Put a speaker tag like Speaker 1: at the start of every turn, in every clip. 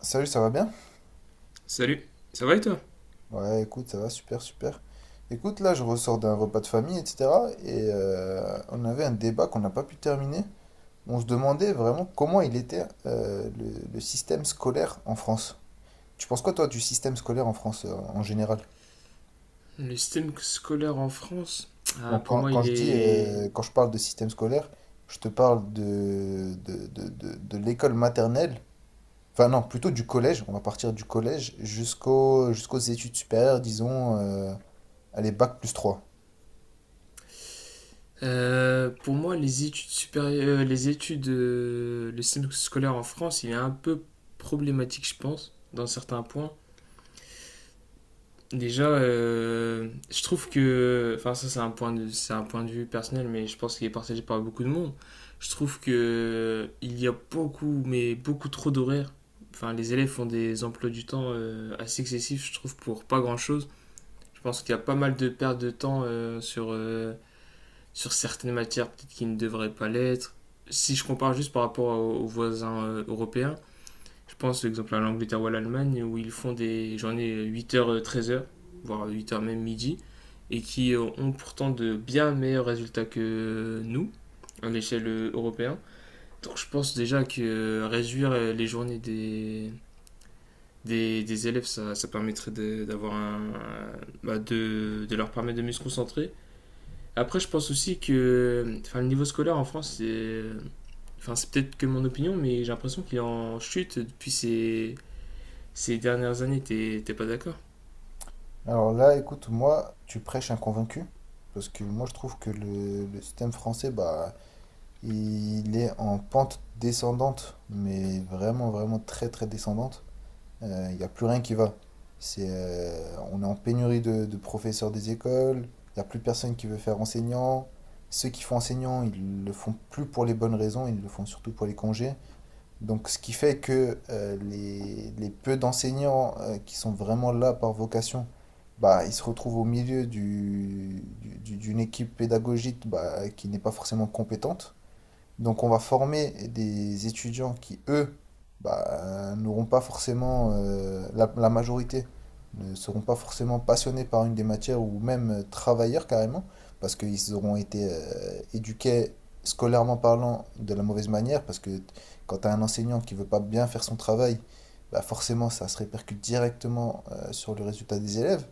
Speaker 1: Salut, ça va bien?
Speaker 2: Salut, ça va et toi?
Speaker 1: Ouais, écoute, ça va, super, super. Écoute, là, je ressors d'un repas de famille, etc. Et on avait un débat qu'on n'a pas pu terminer. On se demandait vraiment comment il était le système scolaire en France. Tu penses quoi, toi, du système scolaire en France en général?
Speaker 2: Le système scolaire en France, ah,
Speaker 1: Donc,
Speaker 2: pour moi, il est.
Speaker 1: quand je parle de système scolaire, je te parle de l'école maternelle. Enfin, non, plutôt du collège. On va partir du collège jusqu'aux études supérieures, disons, allez, bac plus 3.
Speaker 2: Pour moi, les études supérieures, les études, le système scolaire en France, il est un peu problématique, je pense, dans certains points. Déjà, je trouve que, enfin, ça, c'est c'est un point de vue personnel, mais je pense qu'il est partagé par beaucoup de monde. Je trouve que il y a beaucoup, mais beaucoup trop d'horaires. Enfin, les élèves font des emplois du temps assez excessifs, je trouve, pour pas grand-chose. Je pense qu'il y a pas mal de pertes de temps sur certaines matières peut-être qui ne devraient pas l'être. Si je compare juste par rapport aux voisins européens, je pense par exemple à l'Angleterre ou à l'Allemagne où ils font des journées huit heures treize heures voire huit heures même midi, et qui ont pourtant de bien meilleurs résultats que nous à l'échelle européenne. Donc je pense déjà que réduire les journées des élèves, ça permettrait d'avoir un- bah, de leur permettre de mieux se concentrer après, je pense aussi que enfin, le niveau scolaire en France, c'est enfin, c'est peut-être que mon opinion, mais j'ai l'impression qu'il est en chute depuis ces dernières années. T'es pas d'accord?
Speaker 1: Alors là, écoute, moi, tu prêches un convaincu, parce que moi, je trouve que le système français, bah, il est en pente descendante, mais vraiment, vraiment très, très descendante. Il n'y a plus rien qui va. On est en pénurie de professeurs des écoles, il n'y a plus personne qui veut faire enseignant. Ceux qui font enseignant, ils le font plus pour les bonnes raisons, ils le font surtout pour les congés. Donc, ce qui fait que les peu d'enseignants qui sont vraiment là par vocation, bah, ils se retrouvent au milieu d'une équipe pédagogique, bah, qui n'est pas forcément compétente. Donc on va former des étudiants qui, eux, bah, n'auront pas forcément, la majorité, ne seront pas forcément passionnés par une des matières ou même travailleurs carrément, parce qu'ils auront été éduqués scolairement parlant de la mauvaise manière, parce que quand tu as un enseignant qui veut pas bien faire son travail, bah forcément ça se répercute directement sur le résultat des élèves.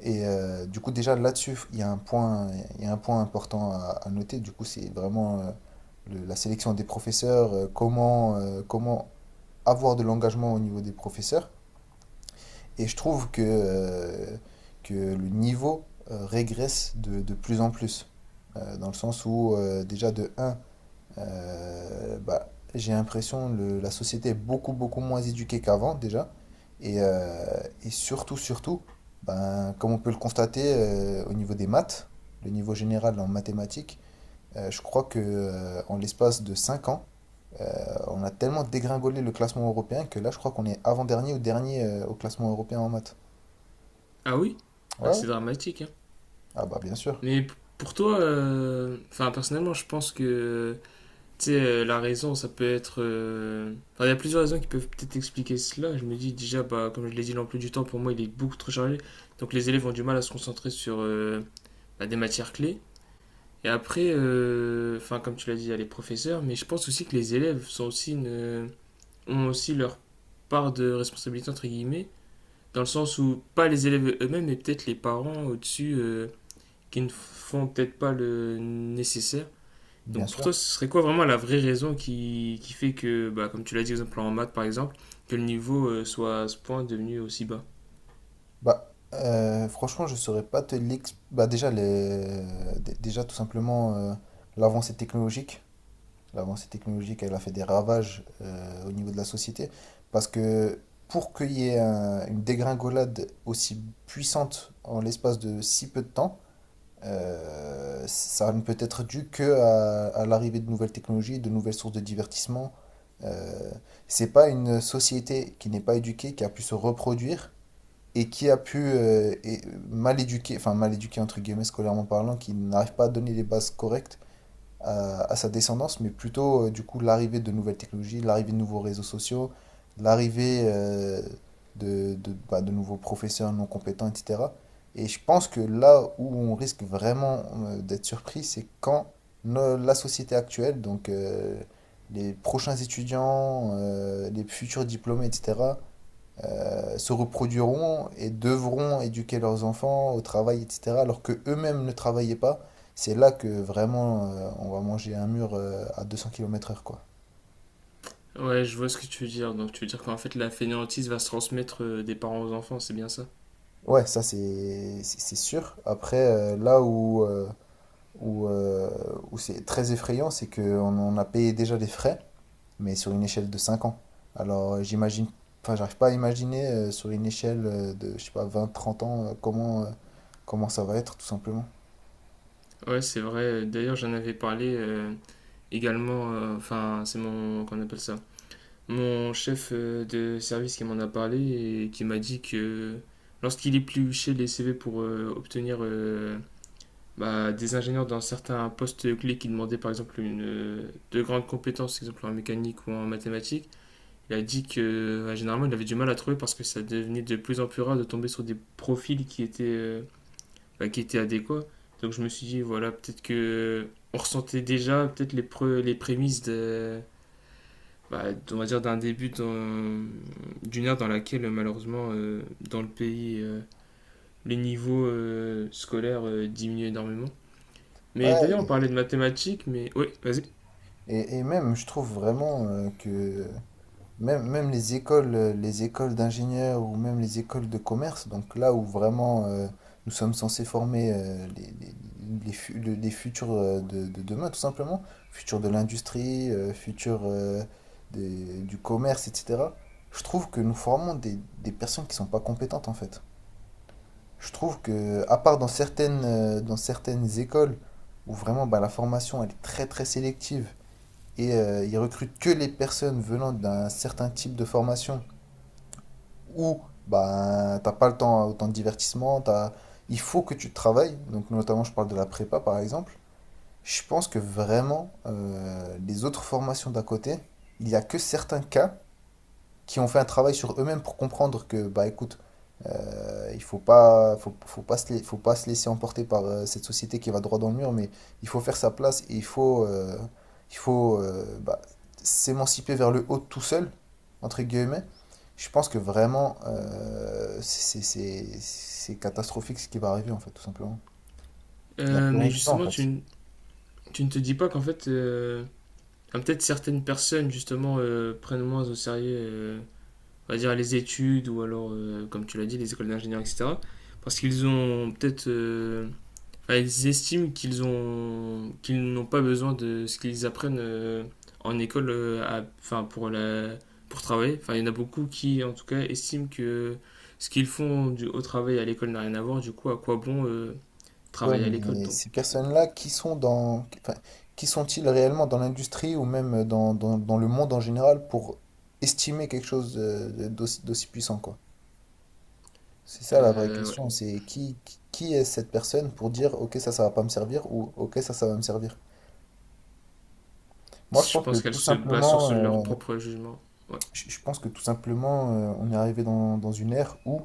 Speaker 1: Et du coup, déjà là-dessus, il y a un point, il y a un point important à noter. Du coup, c'est vraiment la sélection des professeurs, comment avoir de l'engagement au niveau des professeurs. Et je trouve que le niveau régresse de plus en plus. Dans le sens où, déjà, de un, bah, j'ai l'impression que la société est beaucoup, beaucoup moins éduquée qu'avant déjà. Et, euh, et surtout, surtout, ben, comme on peut le constater au niveau des maths, le niveau général en mathématiques, je crois que en l'espace de 5 ans, euh, on a tellement dégringolé le classement européen que là, je crois qu'on est avant-dernier ou dernier au classement européen en maths.
Speaker 2: Ah oui?
Speaker 1: Ouais,
Speaker 2: Ah,
Speaker 1: ouais.
Speaker 2: c'est dramatique, hein.
Speaker 1: Ah bah bien sûr,
Speaker 2: Mais pour toi, enfin, personnellement, je pense que tu sais, la raison, ça peut être. Enfin, il y a plusieurs raisons qui peuvent peut-être expliquer cela. Je me dis déjà, bah, comme je l'ai dit, l'emploi du temps, pour moi, il est beaucoup trop chargé. Donc les élèves ont du mal à se concentrer sur bah, des matières clés. Et après, enfin, comme tu l'as dit, il y a les professeurs, mais je pense aussi que les élèves sont ont aussi leur part de responsabilité, entre guillemets, dans le sens où pas les élèves eux-mêmes, mais peut-être les parents au-dessus qui ne font peut-être pas le nécessaire.
Speaker 1: bien
Speaker 2: Donc pour
Speaker 1: sûr.
Speaker 2: toi, ce serait quoi vraiment la vraie raison qui fait que, bah, comme tu l'as dit, exemple en maths par exemple, que le niveau soit à ce point devenu aussi bas?
Speaker 1: Bah, franchement, je saurais pas te l'expliquer. Bah, déjà, déjà, tout simplement, l'avancée technologique. L'avancée technologique, elle a fait des ravages au niveau de la société. Parce que pour qu'il y ait une dégringolade aussi puissante en l'espace de si peu de temps, ça ne peut être dû que à l'arrivée de nouvelles technologies, de nouvelles sources de divertissement. Euh, c'est pas une société qui n'est pas éduquée qui a pu se reproduire et qui a pu mal éduquer, enfin mal éduquer entre guillemets scolairement parlant, qui n'arrive pas à donner les bases correctes à sa descendance, mais plutôt du coup l'arrivée de nouvelles technologies, l'arrivée de nouveaux réseaux sociaux, l'arrivée de nouveaux professeurs non compétents, etc. Et je pense que là où on risque vraiment d'être surpris, c'est quand la société actuelle, donc les prochains étudiants, les futurs diplômés, etc., se reproduiront et devront éduquer leurs enfants au travail, etc., alors que eux-mêmes ne travaillaient pas, c'est là que vraiment on va manger un mur à 200 km/h, quoi.
Speaker 2: Ouais, je vois ce que tu veux dire. Donc tu veux dire qu'en fait la fainéantise va se transmettre des parents aux enfants, c'est bien ça?
Speaker 1: Ouais, ça c'est sûr. Après, où, euh, où c'est très effrayant, c'est qu'on on a payé déjà des frais, mais sur une échelle de 5 ans. Alors j'imagine, enfin j'arrive pas à imaginer sur une échelle de, je sais pas, 20-30 ans, comment ça va être tout simplement.
Speaker 2: Ouais, c'est vrai. D'ailleurs, j'en avais parlé également. Enfin, c'est mon. Qu'on appelle ça? Mon chef de service qui m'en a parlé et qui m'a dit que lorsqu'il épluchait les CV pour obtenir bah, des ingénieurs dans certains postes clés qui demandaient par exemple une, de grandes compétences, exemple en mécanique ou en mathématiques, il a dit que bah, généralement il avait du mal à trouver parce que ça devenait de plus en plus rare de tomber sur des profils qui étaient. Bah, qui était adéquat. Donc je me suis dit, voilà, peut-être que on ressentait déjà peut-être les prémices de, bah, on va dire d'une ère dans laquelle malheureusement dans le pays les niveaux scolaires diminuent énormément. Mais d'ailleurs on
Speaker 1: Ouais.
Speaker 2: parlait de mathématiques, mais oui, vas-y.
Speaker 1: Et même, je trouve vraiment que même, même les écoles d'ingénieurs ou même les écoles de commerce, donc là où vraiment nous sommes censés former les futurs de demain, tout simplement, futurs de l'industrie, futurs du commerce, etc. Je trouve que nous formons des personnes qui sont pas compétentes en fait. Je trouve que, à part dans certaines écoles où vraiment, bah, la formation elle est très très sélective, et ils recrutent que les personnes venant d'un certain type de formation où, bah, t'as pas le temps autant de divertissement, t'as... il faut que tu travailles. Donc, notamment, je parle de la prépa par exemple. Je pense que vraiment, les autres formations d'à côté, il y a que certains cas qui ont fait un travail sur eux-mêmes pour comprendre que, bah écoute, il faut pas, faut, faut pas se laisser emporter par cette société qui va droit dans le mur, mais il faut faire sa place et il faut, bah, s'émanciper vers le haut tout seul, entre guillemets. Je pense que vraiment, c'est catastrophique ce qui va arriver, en fait, tout simplement. Il n'y a plus rien
Speaker 2: Mais
Speaker 1: qui va, en
Speaker 2: justement
Speaker 1: fait.
Speaker 2: tu ne te dis pas qu'en fait ah, peut-être certaines personnes justement prennent moins au sérieux on va dire, les études ou alors, comme tu l'as dit, les écoles d'ingénieurs, etc. Parce qu'ils ont peut-être. Enfin, ils estiment qu'ils n'ont pas besoin de ce qu'ils apprennent en école enfin, pour, la, pour travailler. Enfin, il y en a beaucoup qui, en tout cas, estiment que ce qu'ils font au travail à l'école n'a rien à voir. Du coup, à quoi bon
Speaker 1: Ouais,
Speaker 2: travailler à l'école.
Speaker 1: mais
Speaker 2: Donc,
Speaker 1: ces personnes-là, enfin, qui sont-ils réellement dans l'industrie ou même dans, dans le monde en général pour estimer quelque chose d'aussi puissant, quoi? C'est ça la vraie
Speaker 2: ouais.
Speaker 1: question, c'est qui est cette personne pour dire, ok, ça va pas me servir ou ok, ça va me servir. Moi, je
Speaker 2: Je
Speaker 1: pense que
Speaker 2: pense qu'elles
Speaker 1: tout
Speaker 2: se basent sur leur
Speaker 1: simplement,
Speaker 2: propre jugement. Ouais.
Speaker 1: on est arrivé dans une ère où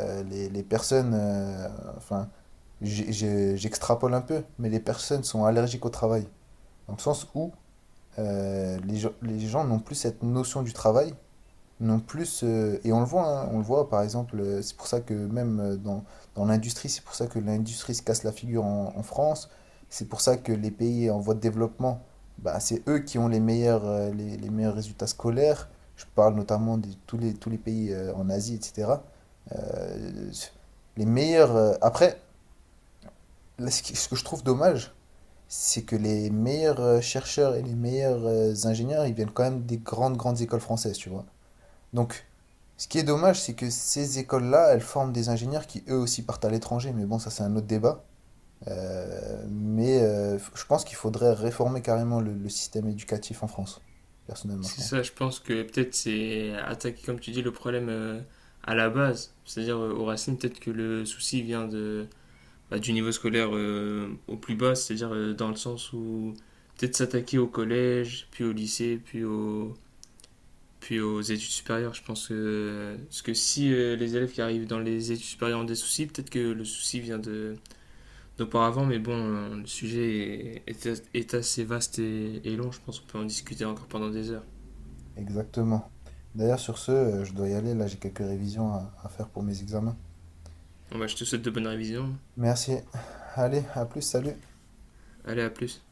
Speaker 1: les personnes, enfin, j'extrapole un peu, mais les personnes sont allergiques au travail. Dans le sens où les gens n'ont plus cette notion du travail, non plus, et on le voit, hein, on le voit par exemple, c'est pour ça que même dans l'industrie, c'est pour ça que l'industrie se casse la figure en France, c'est pour ça que les pays en voie de développement, bah, c'est eux qui ont les meilleurs, les meilleurs résultats scolaires. Je parle notamment de tous les pays en Asie, etc. Euh, les meilleurs. euh, après, Là, ce qui- ce que je trouve dommage, c'est que les meilleurs chercheurs et les meilleurs ingénieurs, ils viennent quand même des grandes, grandes écoles françaises, tu vois. Donc, ce qui est dommage, c'est que ces écoles-là, elles forment des ingénieurs qui eux aussi partent à l'étranger, mais bon, ça c'est un autre débat. Mais je pense qu'il faudrait réformer carrément le système éducatif en France, personnellement, je
Speaker 2: C'est
Speaker 1: pense.
Speaker 2: ça, je pense que peut-être c'est attaquer, comme tu dis, le problème à la base. C'est-à-dire aux racines, peut-être que le souci vient de, bah, du niveau scolaire au plus bas, c'est-à-dire dans le sens où peut-être s'attaquer au collège, puis au lycée, puis aux études supérieures. Je pense que, parce que si les élèves qui arrivent dans les études supérieures ont des soucis, peut-être que le souci vient de, d'auparavant, mais bon, le sujet est assez vaste et long, je pense qu'on peut en discuter encore pendant des heures.
Speaker 1: Exactement. D'ailleurs, sur ce, je dois y aller, là j'ai quelques révisions à faire pour mes examens.
Speaker 2: Bon, bah, je te souhaite de bonnes révisions.
Speaker 1: Merci. Allez, à plus, salut.
Speaker 2: Allez, à plus.